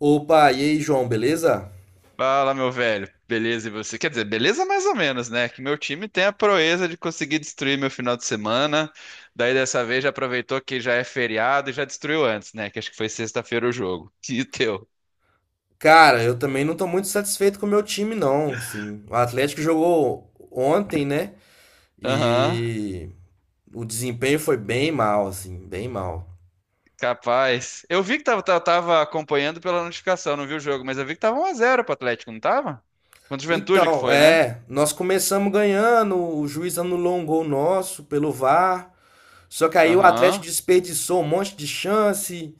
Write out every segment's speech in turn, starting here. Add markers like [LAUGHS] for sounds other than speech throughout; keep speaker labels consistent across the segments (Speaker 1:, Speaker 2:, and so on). Speaker 1: Opa, e aí, João, beleza?
Speaker 2: Fala, meu velho. Beleza, e você? Quer dizer, beleza mais ou menos, né? Que meu time tem a proeza de conseguir destruir meu final de semana. Daí dessa vez já aproveitou que já é feriado e já destruiu antes, né? Que acho que foi sexta-feira o jogo. [LAUGHS] E teu?
Speaker 1: Cara, eu também não tô muito satisfeito com o meu time, não. Assim, o Atlético jogou ontem, né?
Speaker 2: Aham,
Speaker 1: E o desempenho foi bem mal, assim, bem mal.
Speaker 2: capaz. Eu vi que tava acompanhando pela notificação, não vi o jogo, mas eu vi que tava 1-0 pro Atlético, não tava? Contra o Juventude que
Speaker 1: Então,
Speaker 2: foi, né?
Speaker 1: é, nós começamos ganhando, o juiz anulou um gol nosso pelo VAR, só que aí o Atlético
Speaker 2: Aham.
Speaker 1: desperdiçou um monte de chance,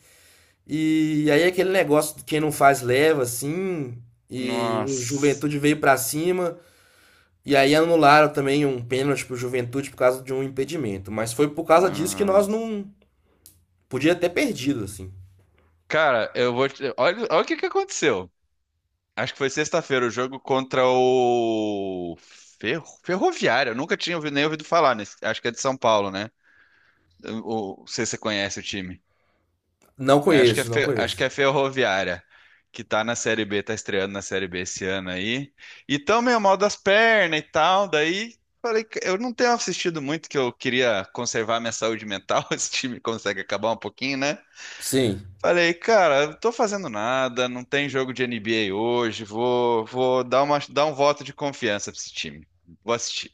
Speaker 1: e aí aquele negócio de quem não faz leva, assim, e o
Speaker 2: Nossa.
Speaker 1: Juventude veio pra cima. E aí anularam também um pênalti pro Juventude por causa de um impedimento. Mas foi por causa disso que nós
Speaker 2: Nossa.
Speaker 1: não. Podia ter perdido, assim.
Speaker 2: Cara, eu vou te... Olha, olha o que que aconteceu. Acho que foi sexta-feira o jogo contra o Ferroviário. Eu nunca tinha ouvido, nem ouvido falar, nesse... acho que é de São Paulo, né? Não sei se você conhece o time.
Speaker 1: Não
Speaker 2: Acho que é,
Speaker 1: conheço, não
Speaker 2: Fe- acho que
Speaker 1: conheço.
Speaker 2: é Ferroviária, que tá na Série B, tá estreando na Série B esse ano aí. E tão meio mal das pernas e tal, daí falei que eu não tenho assistido muito, que eu queria conservar minha saúde mental, [LAUGHS] esse time consegue acabar um pouquinho, né?
Speaker 1: Sim.
Speaker 2: Falei, cara, eu tô fazendo nada, não tem jogo de NBA hoje, vou dar um voto de confiança pra esse time. Vou assistir.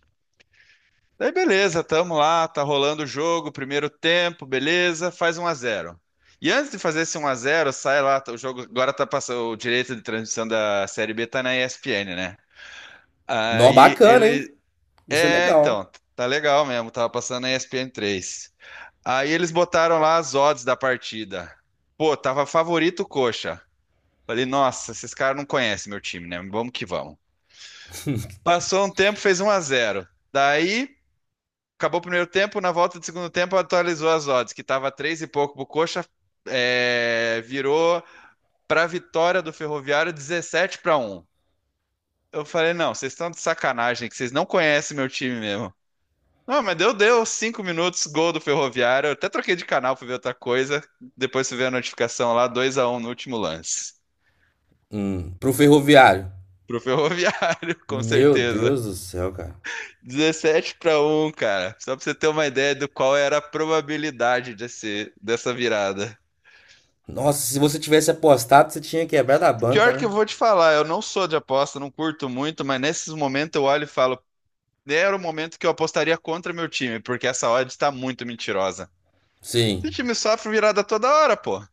Speaker 2: Daí beleza, tamo lá, tá rolando o jogo, primeiro tempo, beleza, faz 1-0. E antes de fazer esse 1-0, sai lá, o jogo agora tá passando, o direito de transmissão da Série B tá na ESPN, né?
Speaker 1: Nó,
Speaker 2: Aí
Speaker 1: bacana, hein?
Speaker 2: ele,
Speaker 1: Isso é
Speaker 2: é,
Speaker 1: legal.
Speaker 2: então, tá legal mesmo, tava passando na ESPN 3. Aí eles botaram lá as odds da partida. Pô, tava favorito o Coxa. Falei, nossa, esses caras não conhecem meu time, né? Vamos que vamos. Passou um tempo, fez 1-0. Daí, acabou o primeiro tempo, na volta do segundo tempo atualizou as odds, que tava 3 e pouco pro Coxa, é, virou pra vitória do Ferroviário 17-1. Eu falei, não, vocês estão de sacanagem, que vocês não conhecem meu time mesmo. Não, mas deu 5 minutos, gol do Ferroviário. Eu até troquei de canal pra ver outra coisa. Depois você vê a notificação lá, 2-1 no último lance.
Speaker 1: Hum. Pro ferroviário.
Speaker 2: Pro Ferroviário, [LAUGHS] com
Speaker 1: Meu
Speaker 2: certeza.
Speaker 1: Deus do céu, cara.
Speaker 2: Dezessete para um cara. Só pra você ter uma ideia do qual era a probabilidade dessa virada.
Speaker 1: Nossa, se você tivesse apostado, você tinha quebrado a banca,
Speaker 2: Pior que
Speaker 1: né?
Speaker 2: eu vou te falar, eu não sou de aposta, não curto muito, mas nesses momentos eu olho e falo, era o momento que eu apostaria contra meu time, porque essa odd está muito mentirosa.
Speaker 1: Sim.
Speaker 2: Esse time sofre virada toda hora, pô.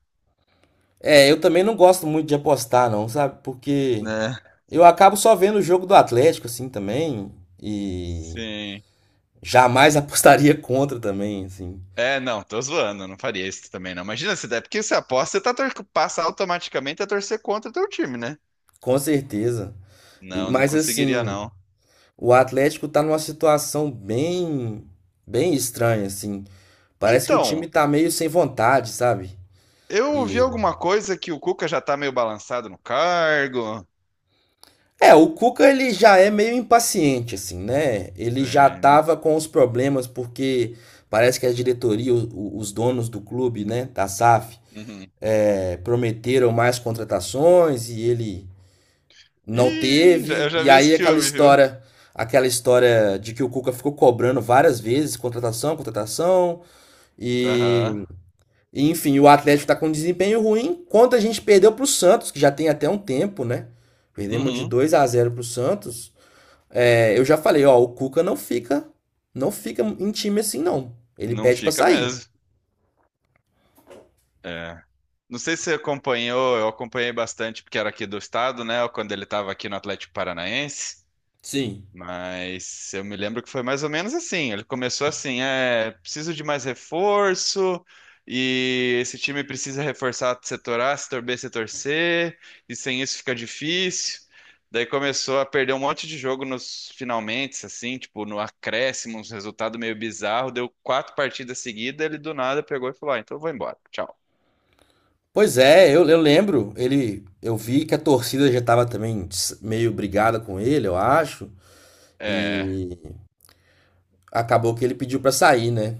Speaker 1: É, eu também não gosto muito de apostar, não, sabe? Porque
Speaker 2: Né?
Speaker 1: eu acabo só vendo o jogo do Atlético, assim, também. E
Speaker 2: Sim.
Speaker 1: jamais [LAUGHS] apostaria contra também, assim.
Speaker 2: É, não, tô zoando, não faria isso também, não. Imagina se der, porque você aposta, você passa automaticamente a torcer contra o teu time, né?
Speaker 1: Com certeza.
Speaker 2: Não, não
Speaker 1: Mas
Speaker 2: conseguiria,
Speaker 1: assim,
Speaker 2: não.
Speaker 1: o Atlético tá numa situação bem estranha, assim. Parece que o time
Speaker 2: Então,
Speaker 1: tá meio sem vontade, sabe?
Speaker 2: eu ouvi
Speaker 1: E
Speaker 2: alguma coisa que o Cuca já tá meio balançado no cargo.
Speaker 1: é, o Cuca ele já é meio impaciente, assim, né? Ele já
Speaker 2: É.
Speaker 1: tava com os problemas porque parece que a diretoria, os donos do clube, né, da SAF,
Speaker 2: Uhum.
Speaker 1: prometeram mais contratações e ele não
Speaker 2: Ih, eu
Speaker 1: teve.
Speaker 2: já
Speaker 1: E
Speaker 2: vi esse
Speaker 1: aí
Speaker 2: filme, viu?
Speaker 1: aquela história de que o Cuca ficou cobrando várias vezes, contratação, contratação,
Speaker 2: Aham.
Speaker 1: e, enfim, o Atlético tá com um desempenho ruim, quanto a gente perdeu pro Santos, que já tem até um tempo, né? Perdemos de
Speaker 2: Uhum.
Speaker 1: 2 a 0 pro Santos. É, eu já falei, ó, o Cuca não fica, não fica em time assim não. Ele
Speaker 2: Não
Speaker 1: pede para
Speaker 2: fica
Speaker 1: sair.
Speaker 2: mesmo. É. Não sei se você acompanhou, eu acompanhei bastante porque era aqui do estado, né? Quando ele estava aqui no Atlético Paranaense.
Speaker 1: Sim.
Speaker 2: Mas eu me lembro que foi mais ou menos assim. Ele começou assim, é, preciso de mais reforço e esse time precisa reforçar setor A, setor B, setor C, e sem isso fica difícil. Daí começou a perder um monte de jogo nos finalmente, assim, tipo, no acréscimo, uns resultado meio bizarro. Deu quatro partidas seguidas, ele do nada pegou e falou: ah, então eu vou embora, tchau.
Speaker 1: Pois é, eu lembro, ele, eu vi que a torcida já tava também meio brigada com ele, eu acho.
Speaker 2: É,
Speaker 1: E acabou que ele pediu pra sair, né?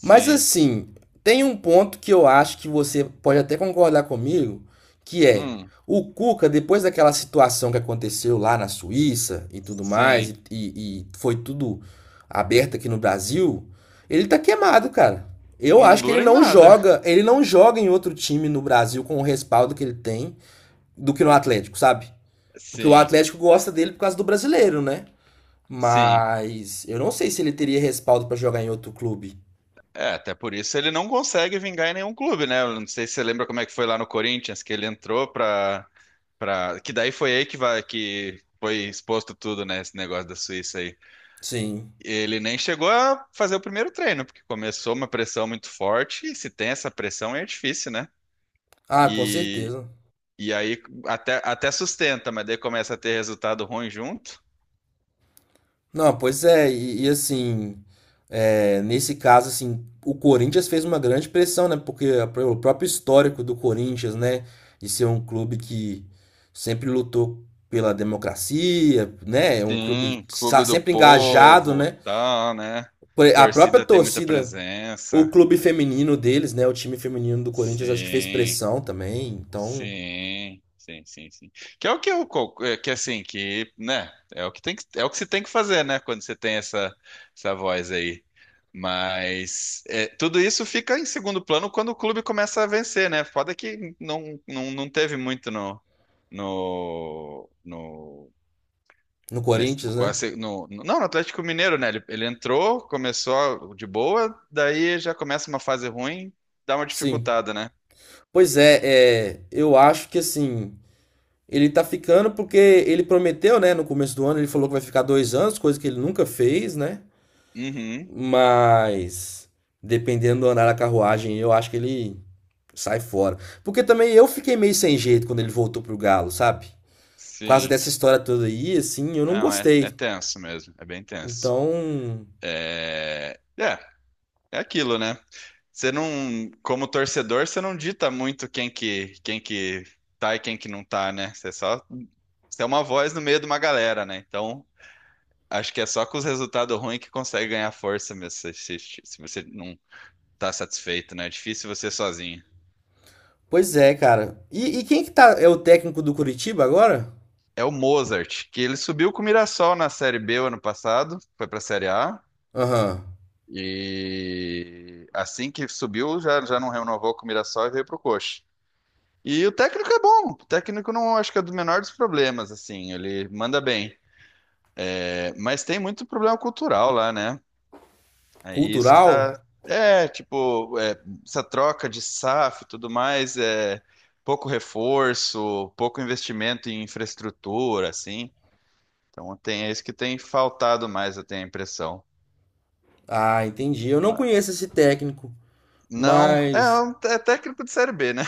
Speaker 1: Mas assim, tem um ponto que eu acho que você pode até concordar comigo, que é
Speaker 2: hum,
Speaker 1: o Cuca, depois daquela situação que aconteceu lá na Suíça e tudo mais,
Speaker 2: sim.
Speaker 1: e foi tudo aberto aqui no Brasil, ele tá queimado, cara. Eu
Speaker 2: Não
Speaker 1: acho que
Speaker 2: dura em nada.
Speaker 1: ele não joga em outro time no Brasil com o respaldo que ele tem do que no Atlético, sabe? Porque o
Speaker 2: Sim,
Speaker 1: Atlético gosta dele por causa do brasileiro, né?
Speaker 2: sim.
Speaker 1: Mas eu não sei se ele teria respaldo pra jogar em outro clube.
Speaker 2: É, até por isso ele não consegue vingar em nenhum clube, né? Eu não sei se você lembra como é que foi lá no Corinthians, que ele entrou. Que daí foi aí que, vai, que foi exposto tudo, né? Esse negócio da Suíça aí.
Speaker 1: Sim.
Speaker 2: Ele nem chegou a fazer o primeiro treino, porque começou uma pressão muito forte, e se tem essa pressão é difícil, né?
Speaker 1: Ah, com
Speaker 2: E,
Speaker 1: certeza.
Speaker 2: e aí até sustenta, mas daí começa a ter resultado ruim junto.
Speaker 1: Não, pois é, e assim, nesse caso, assim, o Corinthians fez uma grande pressão, né? Porque o próprio histórico do Corinthians, né? De ser um clube que sempre lutou pela democracia, né? É um clube
Speaker 2: Sim,
Speaker 1: que está
Speaker 2: clube do
Speaker 1: sempre engajado,
Speaker 2: povo,
Speaker 1: né?
Speaker 2: tal, né?
Speaker 1: A própria
Speaker 2: Torcida tem muita
Speaker 1: torcida, o
Speaker 2: presença.
Speaker 1: clube feminino deles, né? O time feminino do Corinthians, acho que fez
Speaker 2: Sim.
Speaker 1: pressão também. Então,
Speaker 2: Sim, sim, sim, sim. Que é o que que assim, que, né, é o que tem que, é o que se tem que fazer, né, quando você tem essa voz aí. Mas é, tudo isso fica em segundo plano quando o clube começa a vencer, né? Foda que não teve muito no no no
Speaker 1: no
Speaker 2: nesse-
Speaker 1: Corinthians, né?
Speaker 2: quase- no, no- não, no Atlético Mineiro, né? Ele entrou, começou de boa, daí já começa uma fase ruim, dá uma
Speaker 1: Sim.
Speaker 2: dificultada, né?
Speaker 1: Pois é, eu acho que assim, ele tá ficando porque ele prometeu, né? No começo do ano, ele falou que vai ficar dois anos, coisa que ele nunca fez, né?
Speaker 2: Uhum,
Speaker 1: Mas dependendo do andar da carruagem, eu acho que ele sai fora. Porque também eu fiquei meio sem jeito quando ele voltou pro Galo, sabe? Por causa
Speaker 2: sim.
Speaker 1: dessa história toda aí, assim, eu não
Speaker 2: Não, é
Speaker 1: gostei.
Speaker 2: tenso mesmo, é bem tenso.
Speaker 1: Então,
Speaker 2: É, é, é aquilo, né? Você não, como torcedor, você não dita muito quem que tá e quem que não tá, né? Você só, você é uma voz no meio de uma galera, né? Então, acho que é só com os resultados ruins que consegue ganhar força mesmo, se você não tá satisfeito, né? É difícil você sozinho.
Speaker 1: pois é, cara. E quem que tá. É o técnico do Curitiba agora?
Speaker 2: É o Mozart, que ele subiu com o Mirassol na Série B o ano passado, foi pra Série A.
Speaker 1: Aham.
Speaker 2: E assim que subiu, já não renovou com o Mirassol e veio pro Coxa. E o técnico é bom. O técnico não acho que é do menor dos problemas, assim, ele manda bem. É, mas tem muito problema cultural lá, né? É isso que
Speaker 1: Cultural?
Speaker 2: tá. É, tipo, é, essa troca de SAF e tudo mais, é pouco reforço, pouco investimento em infraestrutura, assim. Então tem é isso que tem faltado mais, eu tenho a impressão.
Speaker 1: Ah, entendi. Eu não conheço esse técnico,
Speaker 2: Não, é,
Speaker 1: mas
Speaker 2: é técnico de Série B, né?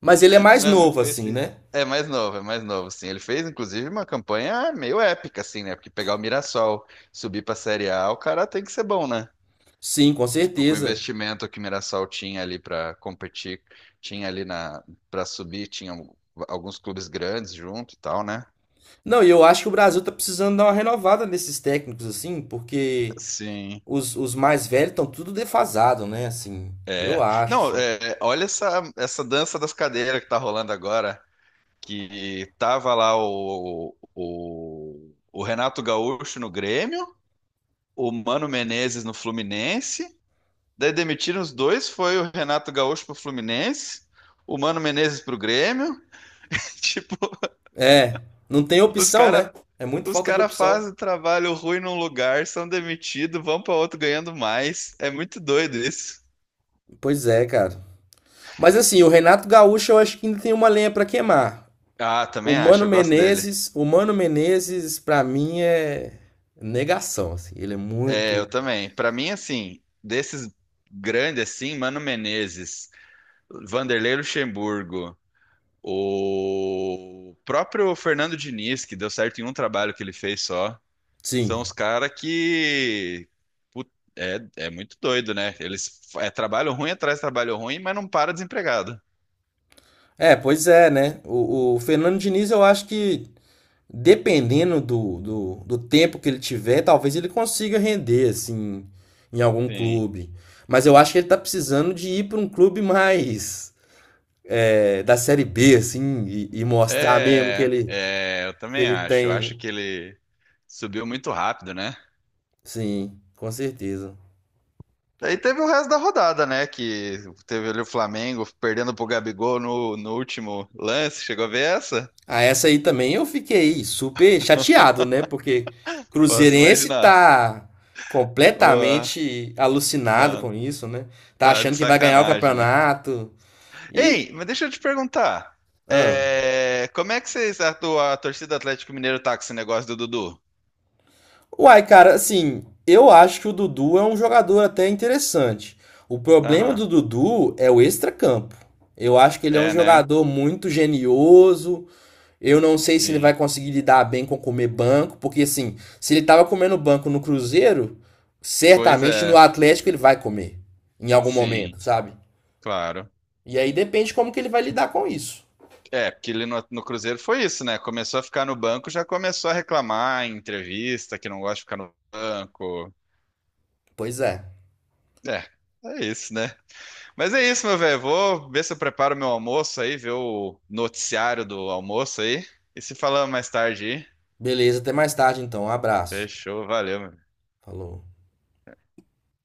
Speaker 1: mas ele é mais
Speaker 2: Não é muito
Speaker 1: novo assim,
Speaker 2: conhecido.
Speaker 1: né?
Speaker 2: É mais novo, sim. Ele fez, inclusive, uma campanha meio épica, assim, né? Porque pegar o Mirassol, subir pra Série A, o cara tem que ser bom, né?
Speaker 1: Sim, com
Speaker 2: Tipo, com o
Speaker 1: certeza.
Speaker 2: investimento que o Mirassol tinha ali pra competir, tinha ali na para subir, alguns clubes grandes junto e tal, né?
Speaker 1: Não, e eu acho que o Brasil tá precisando dar uma renovada nesses técnicos assim, porque
Speaker 2: Sim.
Speaker 1: os mais velhos estão tudo defasado, né? Assim, eu
Speaker 2: É.
Speaker 1: acho
Speaker 2: Não,
Speaker 1: assim.
Speaker 2: é, olha essa dança das cadeiras que tá rolando agora, que tava lá o Renato Gaúcho no Grêmio, o Mano Menezes no Fluminense. Daí demitiram os dois, foi o Renato Gaúcho pro Fluminense, o Mano Menezes pro Grêmio. [LAUGHS] Tipo,
Speaker 1: É, não tem
Speaker 2: os
Speaker 1: opção, né?
Speaker 2: cara,
Speaker 1: É muito
Speaker 2: os
Speaker 1: falta de
Speaker 2: cara
Speaker 1: opção.
Speaker 2: fazem trabalho ruim num lugar, são demitidos, vão para outro ganhando mais. É muito doido isso.
Speaker 1: Pois é, cara. Mas assim, o Renato Gaúcho eu acho que ainda tem uma lenha pra queimar.
Speaker 2: Ah, também acho, eu gosto dele.
Speaker 1: O Mano Menezes pra mim é negação, assim. Ele é
Speaker 2: É, eu
Speaker 1: muito.
Speaker 2: também. Para mim, assim, desses grandes assim, Mano Menezes, Vanderlei Luxemburgo, o próprio Fernando Diniz, que deu certo em um trabalho que ele fez só. São
Speaker 1: Sim.
Speaker 2: os caras que. put- é, muito doido, né? Eles é trabalho ruim atrás de trabalho ruim, mas não para desempregado.
Speaker 1: Pois é, né? O Fernando Diniz, eu acho que dependendo do tempo que ele tiver, talvez ele consiga render, assim, em algum
Speaker 2: Sim.
Speaker 1: clube. Mas eu acho que ele tá precisando de ir para um clube mais, da Série B, assim, e mostrar mesmo
Speaker 2: É, é, eu
Speaker 1: que
Speaker 2: também
Speaker 1: ele
Speaker 2: acho. Eu acho
Speaker 1: tem.
Speaker 2: que ele subiu muito rápido, né?
Speaker 1: Sim, com certeza.
Speaker 2: Daí teve o resto da rodada, né? Que teve ali o Flamengo perdendo pro Gabigol no último lance. Chegou a ver essa?
Speaker 1: Ah, essa aí também eu fiquei super chateado, né? Porque
Speaker 2: Posso
Speaker 1: Cruzeirense
Speaker 2: imaginar.
Speaker 1: tá
Speaker 2: Ué,
Speaker 1: completamente alucinado
Speaker 2: não,
Speaker 1: com isso, né? Tá
Speaker 2: tá
Speaker 1: achando
Speaker 2: de
Speaker 1: que vai ganhar o
Speaker 2: sacanagem, né?
Speaker 1: campeonato. Ih,
Speaker 2: Ei, mas deixa eu te perguntar.
Speaker 1: ah.
Speaker 2: É, como é que vocês, a torcida do Atlético Mineiro tá com esse negócio do Dudu?
Speaker 1: Uai, cara, assim, eu acho que o Dudu é um jogador até interessante. O problema
Speaker 2: Aham.
Speaker 1: do Dudu é o extracampo. Eu acho que ele é um
Speaker 2: É, né?
Speaker 1: jogador muito genioso. Eu não sei se ele vai
Speaker 2: Sim.
Speaker 1: conseguir lidar bem com comer banco, porque assim, se ele estava comendo banco no Cruzeiro,
Speaker 2: Pois
Speaker 1: certamente no
Speaker 2: é.
Speaker 1: Atlético ele vai comer em algum
Speaker 2: Sim,
Speaker 1: momento, sabe?
Speaker 2: claro.
Speaker 1: E aí depende como que ele vai lidar com isso.
Speaker 2: É, porque ele no Cruzeiro foi isso, né? Começou a ficar no banco, já começou a reclamar em entrevista que não gosta de ficar no banco.
Speaker 1: Pois é.
Speaker 2: É, é isso, né? Mas é isso, meu velho. Vou ver se eu preparo meu almoço aí, ver o noticiário do almoço aí. E se falamos mais tarde aí.
Speaker 1: Beleza, até mais tarde então. Um abraço.
Speaker 2: Fechou, valeu, meu
Speaker 1: Falou.